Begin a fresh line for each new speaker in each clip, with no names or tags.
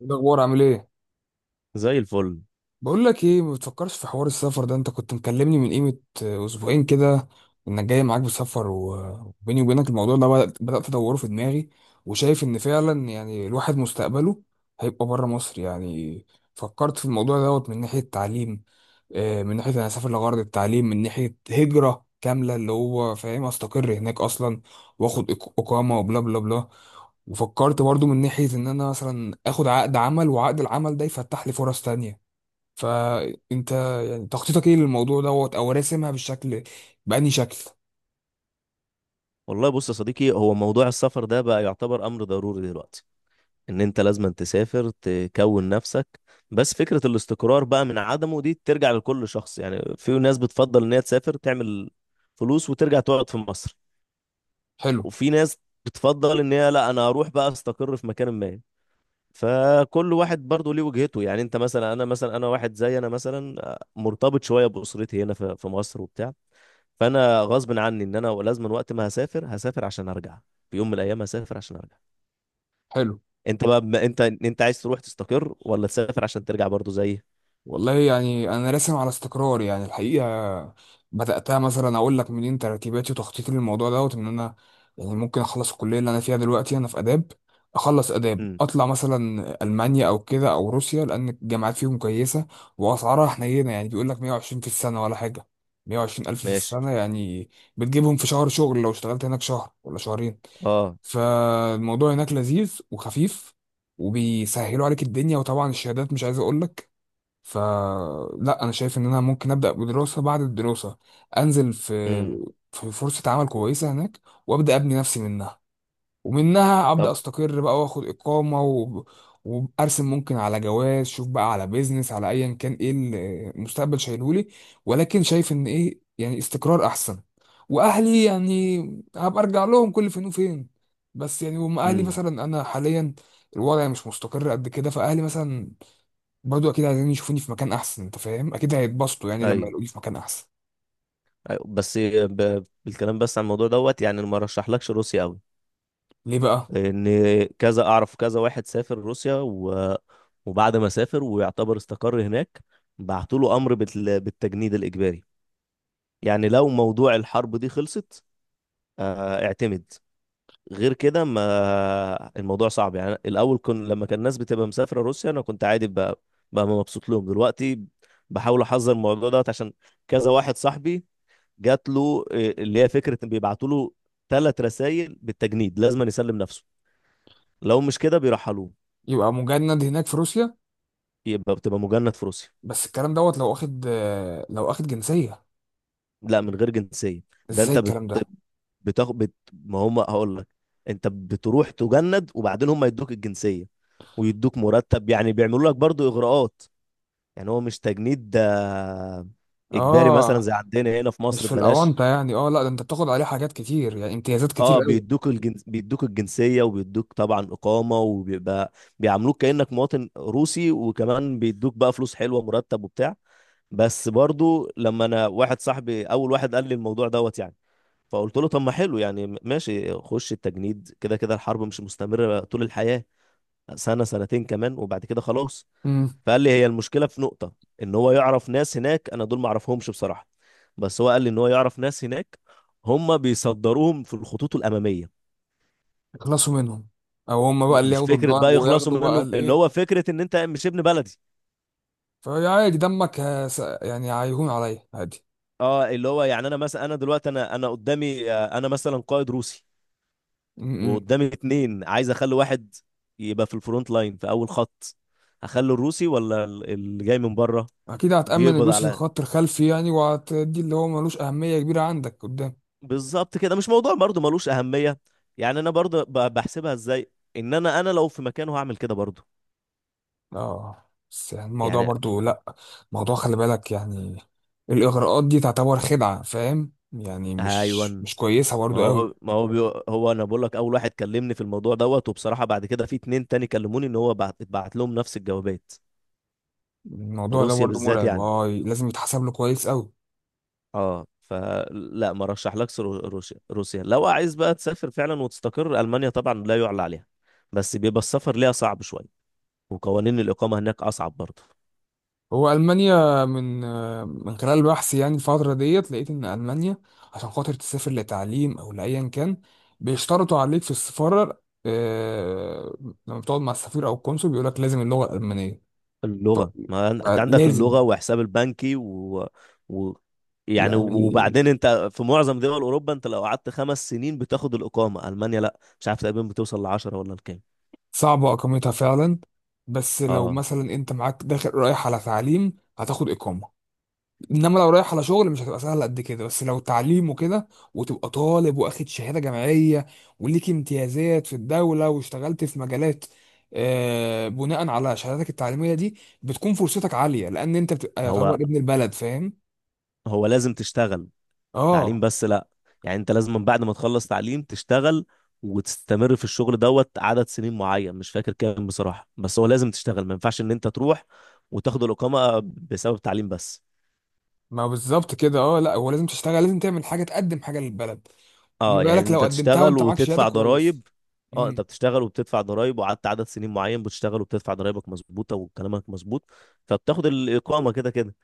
إيه الاخبار؟ عامل ايه؟
زي الفل.
بقول لك ايه، ما بتفكرش في حوار السفر ده؟ انت كنت مكلمني من قيمة اسبوعين كده انك جاي معاك بسفر وبيني وبينك الموضوع ده بدأت ادوره في دماغي، وشايف ان فعلا يعني الواحد مستقبله هيبقى بره مصر يعني. فكرت في الموضوع دوت من ناحية تعليم، من ناحية انا هسافر لغرض التعليم، من ناحية هجرة كاملة اللي هو فاهم استقر هناك اصلا، واخد اقامة وبلا بلا بلا. وفكرت برضو من ناحية ان انا مثلا اخد عقد عمل وعقد العمل ده يفتح لي فرص تانية. فانت يعني تخطيطك ايه للموضوع دوت، او راسمها بالشكل بأني شكل؟
والله بص يا صديقي، هو موضوع السفر ده بقى يعتبر أمر ضروري دلوقتي. إن أنت لازم تسافر تكون نفسك. بس فكرة الاستقرار بقى من عدمه دي ترجع لكل شخص. يعني في ناس بتفضل إن هي تسافر تعمل فلوس وترجع تقعد في مصر.
حلو،
وفي ناس بتفضل إن هي لا، أنا أروح بقى أستقر في مكان ما. فكل واحد برضه ليه وجهته. يعني أنت مثلا، أنا مثلا، أنا واحد زي، أنا مثلا مرتبط شوية بأسرتي هنا في مصر وبتاع. فانا غصب عني ان انا لازم، وقت ما هسافر هسافر عشان ارجع. في يوم من الايام هسافر عشان ارجع.
حلو.
انت بقى، بما انت عايز تروح تستقر ولا تسافر عشان ترجع برضو زي.
والله يعني انا راسم على استقرار يعني الحقيقه. بدأتها مثلا اقول لك منين، ترتيباتي وتخطيطي للموضوع دوت ان انا يعني ممكن اخلص الكليه اللي انا فيها دلوقتي، انا في اداب، اخلص اداب
امم.
اطلع مثلا المانيا او كده او روسيا لان الجامعات فيهم كويسه واسعارها حنينه، يعني بيقول لك 120 في السنه ولا حاجه، 120 الف في
ماشي.
السنه يعني، بتجيبهم في شهر شغل لو اشتغلت هناك شهر ولا شهرين.
اه.
فالموضوع هناك لذيذ وخفيف وبيسهلوا عليك الدنيا، وطبعا الشهادات مش عايز اقول لك. فلا انا شايف ان انا ممكن ابدا بدراسه، بعد الدراسه انزل في
امم.
في فرصه عمل كويسه هناك، وابدا ابني نفسي منها، ومنها ابدا
طب.
استقر بقى واخد اقامه و... وارسم ممكن على جواز، شوف بقى على بيزنس، على ايا كان ايه المستقبل شايلهولي. ولكن شايف ان ايه يعني استقرار احسن. واهلي يعني هبقى ارجع لهم كل فين وفين. بس يعني هم اهلي
امم.
مثلا، انا حاليا الوضع مش مستقر قد كده، فاهلي مثلا برضو اكيد عايزين يشوفوني في مكان احسن. انت فاهم، اكيد هيتبسطوا يعني لما
ايوه،
يلاقوني في مكان احسن.
ايوه. بس بالكلام، بس عن الموضوع دوت، يعني ما رشحلكش روسيا قوي.
ليه بقى؟
ان كذا اعرف، كذا واحد سافر روسيا وبعد ما سافر ويعتبر استقر هناك بعتوا له امر بالتجنيد الاجباري. يعني لو موضوع الحرب دي خلصت، اعتمد. غير كده ما الموضوع صعب. يعني الاول لما كان الناس بتبقى مسافره روسيا انا كنت عادي بقى، بقى مبسوط لهم دلوقتي. بحاول احذر الموضوع دوت عشان كذا واحد صاحبي جات له اللي هي فكره ان بيبعتوا له ثلاث رسائل بالتجنيد لازم يسلم نفسه. لو مش كده بيرحلوه.
يبقى مجند هناك في روسيا؟
يبقى بتبقى مجند في روسيا.
بس الكلام دوت لو واخد، لو واخد جنسية.
لا، من غير جنسيه. ده
ازاي
انت
الكلام ده؟
بتاخد، ما هم هقول لك. انت بتروح تجند وبعدين هم يدوك الجنسيه ويدوك مرتب، يعني بيعملوا لك برضو اغراءات. يعني هو مش تجنيد ده اجباري مثلا
اه،
زي عندنا هنا في
مش
مصر
في
ببلاش.
الاونطه يعني. اه، لا ده انت بتاخد عليه حاجات كتير يعني، امتيازات كتير
اه،
قوي.
بيدوك الجنسيه وبيدوك طبعا اقامه وبيبقى بيعاملوك كانك مواطن روسي، وكمان بيدوك بقى فلوس حلوه، مرتب وبتاع. بس برضو لما انا واحد صاحبي اول واحد قال لي الموضوع دوت يعني فقلت له، طب ما حلو يعني، ماشي خش التجنيد، كده كده الحرب مش مستمره طول الحياه، سنه سنتين كمان وبعد كده خلاص.
امم.
فقال لي هي المشكله في نقطه. ان هو يعرف ناس هناك، انا دول ما اعرفهمش بصراحه. بس هو قال لي ان هو يعرف ناس هناك هم بيصدروهم في الخطوط الاماميه.
يخلصوا منهم، او هم بقى اللي
مش
ياخدوا
فكره
الضرب
بقى يخلصوا
وياخدوا بقى
منهم، اللي
الايه.
هو فكره ان انت مش ابن بلدي.
فهي عادي، دمك يعني هيهون عليا عادي.
اه، اللي هو يعني، انا مثلا، انا دلوقتي، انا قدامي، انا مثلا قائد روسي
امم.
وقدامي اتنين عايز اخلي واحد يبقى في الفرونت لاين في اول خط، هخلي الروسي ولا اللي جاي من بره؟
اكيد هتأمن
بيقبض
الروسي في
على،
الخط الخلفي يعني، وهتدي اللي هو ملوش اهميه كبيره عندك قدام.
بالظبط كده. مش موضوع برضو ملوش أهمية. يعني أنا برضو بحسبها إزاي، إن أنا لو في مكانه هعمل كده برضو.
اه. بس يعني الموضوع
يعني.
برضو لا، الموضوع خلي بالك يعني، الاغراءات دي تعتبر خدعه، فاهم يعني،
أيوة.
مش كويسه
ما
برضو قوي.
هو ما هو هو أنا بقول لك، أول واحد كلمني في الموضوع دوت وبصراحة بعد كده في اتنين تاني كلموني، إن هو اتبعت لهم نفس الجوابات. في
الموضوع ده
روسيا
برضه
بالذات
مرعب،
يعني.
اه لازم يتحسب له كويس قوي.
أه، فلا ما رشحلكش روسيا. لو عايز بقى تسافر فعلا وتستقر، ألمانيا طبعا لا يعلى عليها. بس بيبقى السفر ليها صعب شوية، وقوانين الإقامة هناك أصعب برضو.
هو المانيا من من خلال بحثي يعني الفتره ديت، لقيت ان المانيا عشان خاطر تسافر لتعليم او لايا كان بيشترطوا عليك في السفاره، لما بتقعد مع السفير او القنصل بيقول لك لازم اللغه الالمانيه.
اللغة. ما انت عندك
لازم،
اللغة، وحساب البنكي و... يعني
يعني
وبعدين انت في معظم دول اوروبا انت لو قعدت 5 سنين بتاخد الاقامة. المانيا لا، مش عارف، تقريبا بتوصل لـ10 ولا لكام.
صعبه اقامتها فعلا. بس لو
اه،
مثلا انت معاك داخل رايح على تعليم هتاخد اقامه، انما لو رايح على شغل مش هتبقى سهله قد كده. بس لو تعليم وكده وتبقى طالب واخد شهاده جامعيه، وليك امتيازات في الدوله، واشتغلت في مجالات بناء على شهادتك التعليميه دي، بتكون فرصتك عاليه لان انت بتبقى يعتبر
هو
ابن البلد، فاهم.
هو لازم تشتغل،
اه.
تعليم بس لا. يعني انت لازم من بعد ما تخلص تعليم تشتغل وتستمر في الشغل دوت عدد سنين معين، مش فاكر كام بصراحة. بس هو لازم تشتغل، ما ينفعش ان انت تروح وتاخد الاقامة بسبب تعليم بس.
ما بالظبط كده، اه لا هو لازم تشتغل، لازم تعمل حاجه، تقدم حاجه للبلد. ما
اه، يعني
بالك لو
انت
قدمتها
تشتغل
وانت معاك شهاده
وتدفع
كويس.
ضرائب. اه، انت
امم.
بتشتغل وبتدفع ضرائب، وقعدت عدد سنين معين بتشتغل وبتدفع ضرائبك مظبوطه وكلامك مظبوط، فبتاخد الاقامه كده كده.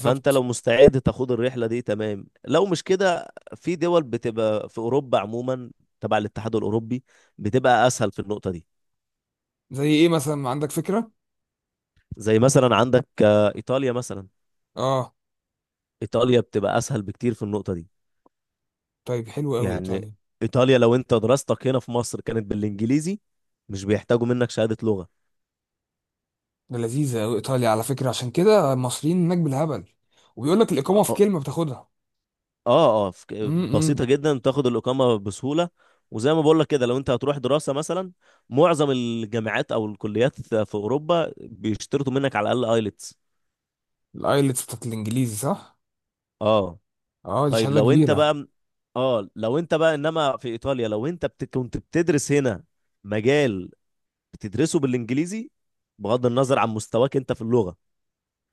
فانت لو مستعد تاخد الرحله دي، تمام. لو مش كده، في دول بتبقى في اوروبا عموما تبع الاتحاد الاوروبي بتبقى اسهل في النقطه دي.
زي ايه مثلا، عندك فكره؟
زي مثلا عندك، ايطاليا مثلا.
اه.
ايطاليا بتبقى اسهل بكتير في النقطه دي.
طيب حلو قوي
يعني
ايطاليا.
ايطاليا لو انت دراستك هنا في مصر كانت بالانجليزي، مش بيحتاجوا منك شهاده لغه.
ده لذيذة أوي إيطاليا على فكرة، عشان كده المصريين هناك بالهبل، وبيقول لك الإقامة في كلمة بتاخدها.
اه، اه، بسيطة
امم.
جدا تاخد الإقامة بسهولة. وزي ما بقول لك كده، لو انت هتروح دراسة مثلا، معظم الجامعات او الكليات في اوروبا بيشترطوا منك على الاقل ايلتس.
الآيلتس بتاعت الإنجليزي، صح؟
اه
أه دي
طيب،
شهادة
لو انت
كبيرة.
بقى، اه لو انت بقى، انما في ايطاليا لو انت كنت بتدرس هنا مجال بتدرسه بالانجليزي، بغض النظر عن مستواك انت في اللغة.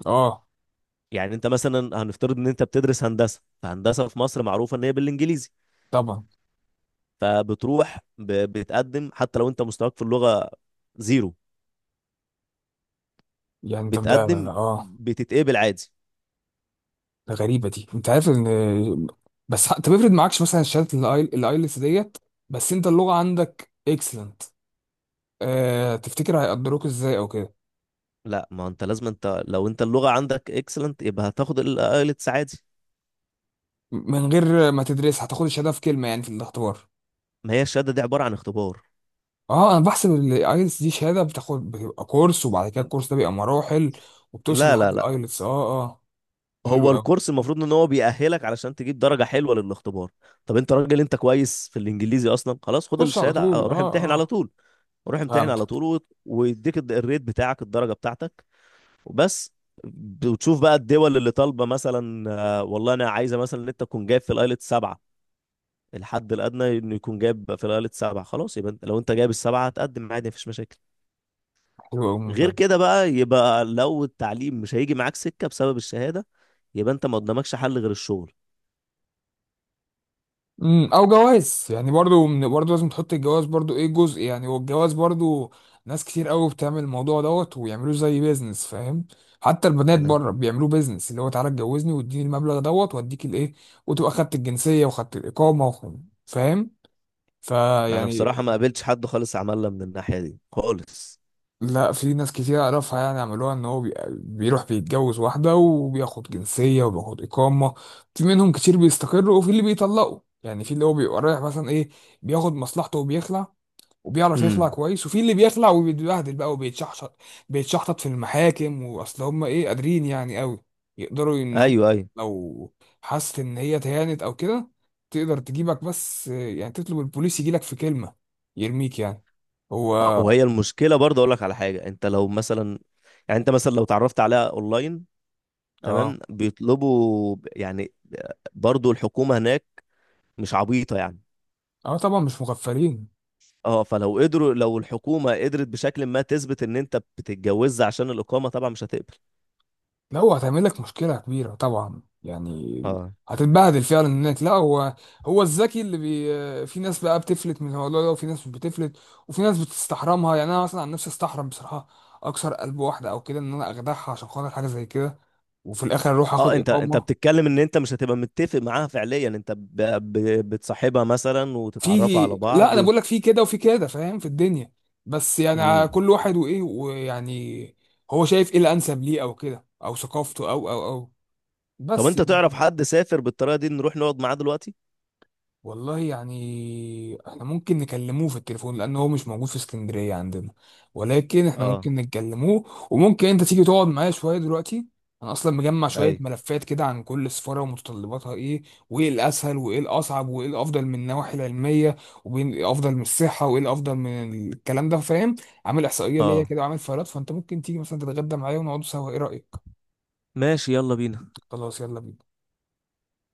أه
يعني انت مثلا، هنفترض ان انت بتدرس هندسة، فهندسة في مصر معروفة ان هي بالانجليزي،
طبعا.
فبتروح بتقدم حتى لو انت مستواك في اللغة 0.
يعني طب ده
بتقدم،
أه،
بتتقبل عادي.
ده غريبة دي. أنت عارف إن، بس أنت بيفرض معكش مثلا شهادة الآيلتس ديت، بس أنت اللغة عندك إكسلنت. أه تفتكر هيقدروك إزاي أو كده؟
لا، ما انت لازم، انت لو اللغة عندك اكسلنت يبقى هتاخد الايلتس عادي.
من غير ما تدرس هتاخد الشهادة في كلمة يعني، في الاختبار.
ما هي الشهادة دي عبارة عن اختبار.
اه انا بحسب الايلتس دي شهاده بتاخد، بتبقى كورس وبعد كده الكورس ده بيبقى مراحل، وبتوصل
لا، لا،
لحد
لا،
الايلتس، اه اه.
هو
حلو قوي.
الكورس المفروض ان هو بيأهلك علشان تجيب درجة حلوة للاختبار. طب انت راجل، انت كويس في الانجليزي اصلا، خلاص خد
خش على
الشهادة
طول،
روح امتحن
اه
على
اه.
طول. روح امتحن على
فهمت.
طول ويديك الريت بتاعك، الدرجة بتاعتك، وبس. بتشوف بقى الدول اللي طالبه مثلا، والله انا عايزه مثلا ان انت تكون جايب في الايلت 7. الحد الادنى انه يكون جايب في الايلت 7، خلاص يبقى لو انت جايب الـ7 هتقدم عادي مفيش مشاكل.
حلو قوي،
غير
ممتاز.
كده بقى، يبقى لو التعليم مش هيجي معاك سكه بسبب الشهاده، يبقى انت ما قدامكش حل غير الشغل.
امم. او جواز يعني برضو، من برضو لازم تحط الجواز برضو، ايه، جزء يعني. والجواز برضو ناس كتير قوي بتعمل الموضوع دوت ويعملوه زي بيزنس، فاهم. حتى البنات
انا
بره بيعملوه بيزنس، اللي هو تعالى اتجوزني واديني المبلغ دوت واديك الايه، وتبقى خدت الجنسيه وخدت الاقامه فاهم.
انا
فيعني،
بصراحه ما قابلتش حد خالص عملنا من الناحيه دي خالص.
لا، في ناس كتير اعرفها يعني عملوها، ان هو بيروح بيتجوز واحده وبياخد جنسيه وبياخد اقامه. في منهم كتير بيستقروا، وفي اللي بيطلقوا يعني، في اللي هو بيبقى رايح مثلا ايه، بياخد مصلحته وبيخلع، وبيعرف يخلع
امم.
كويس. وفي اللي بيخلع وبيتبهدل بقى وبيتشحشط، بيتشحطط في المحاكم، واصل هم ايه، قادرين يعني قوي يقدروا ان هم
ايوه، ايوه.
لو حست ان هي تهانت او كده، تقدر تجيبك، بس يعني تطلب البوليس يجيلك في كلمه، يرميك يعني. هو
وهي المشكله برضه، اقول لك على حاجه، انت لو مثلا، يعني انت مثلا لو اتعرفت عليها اونلاين،
اه.
تمام، بيطلبوا يعني، برضو الحكومة هناك مش عبيطة يعني.
اه طبعا، مش مغفلين.
اه، فلو قدروا، لو الحكومة قدرت بشكل ما تثبت ان انت بتتجوزها عشان الإقامة، طبعا مش هتقبل.
لا هو هتعمل لك مشكله كبيره طبعا يعني،
اه،
هتتبهدل فعلا هناك. لا هو، هو الذكي اللي بي، في ناس بقى بتفلت من الموضوع ده وفي ناس مش بتفلت. وفي ناس بتستحرمها يعني، انا مثلا عن نفسي استحرم بصراحه اكسر قلب واحده او كده، ان انا اخدعها عشان خاطر حاجه زي كده وفي الاخر اروح اخد
اه، انت
اقامه.
بتتكلم ان انت مش هتبقى متفق معاها فعليا، انت ب... بتصاحبها مثلا
في،
وتتعرفوا على
لا
بعض
انا بقول لك في كده وفي كده، فاهم، في الدنيا. بس يعني على
امم.
كل واحد وايه ويعني هو شايف ايه الانسب ليه او كده، او ثقافته او
طب
بس.
انت تعرف حد سافر بالطريقة دي نروح نقعد معاه دلوقتي؟
والله يعني احنا ممكن نكلموه في التليفون، لان هو مش موجود في اسكندرية عندنا، ولكن احنا
اه.
ممكن نكلموه. وممكن انت تيجي تقعد معايا شوية دلوقتي، انا اصلا مجمع شوية
اي.
ملفات كده عن كل سفارة ومتطلباتها ايه، وايه الاسهل وايه الاصعب، وايه الافضل من النواحي العلمية، وايه الافضل من الصحة، وايه الافضل من الكلام ده، فاهم. عامل احصائية ليا
اه.
كده وعامل فايلات. فانت ممكن تيجي مثلا تتغدى معايا ونقعدوا سوا، ايه رأيك؟
ماشي، يلا بينا.
خلاص يلا بينا.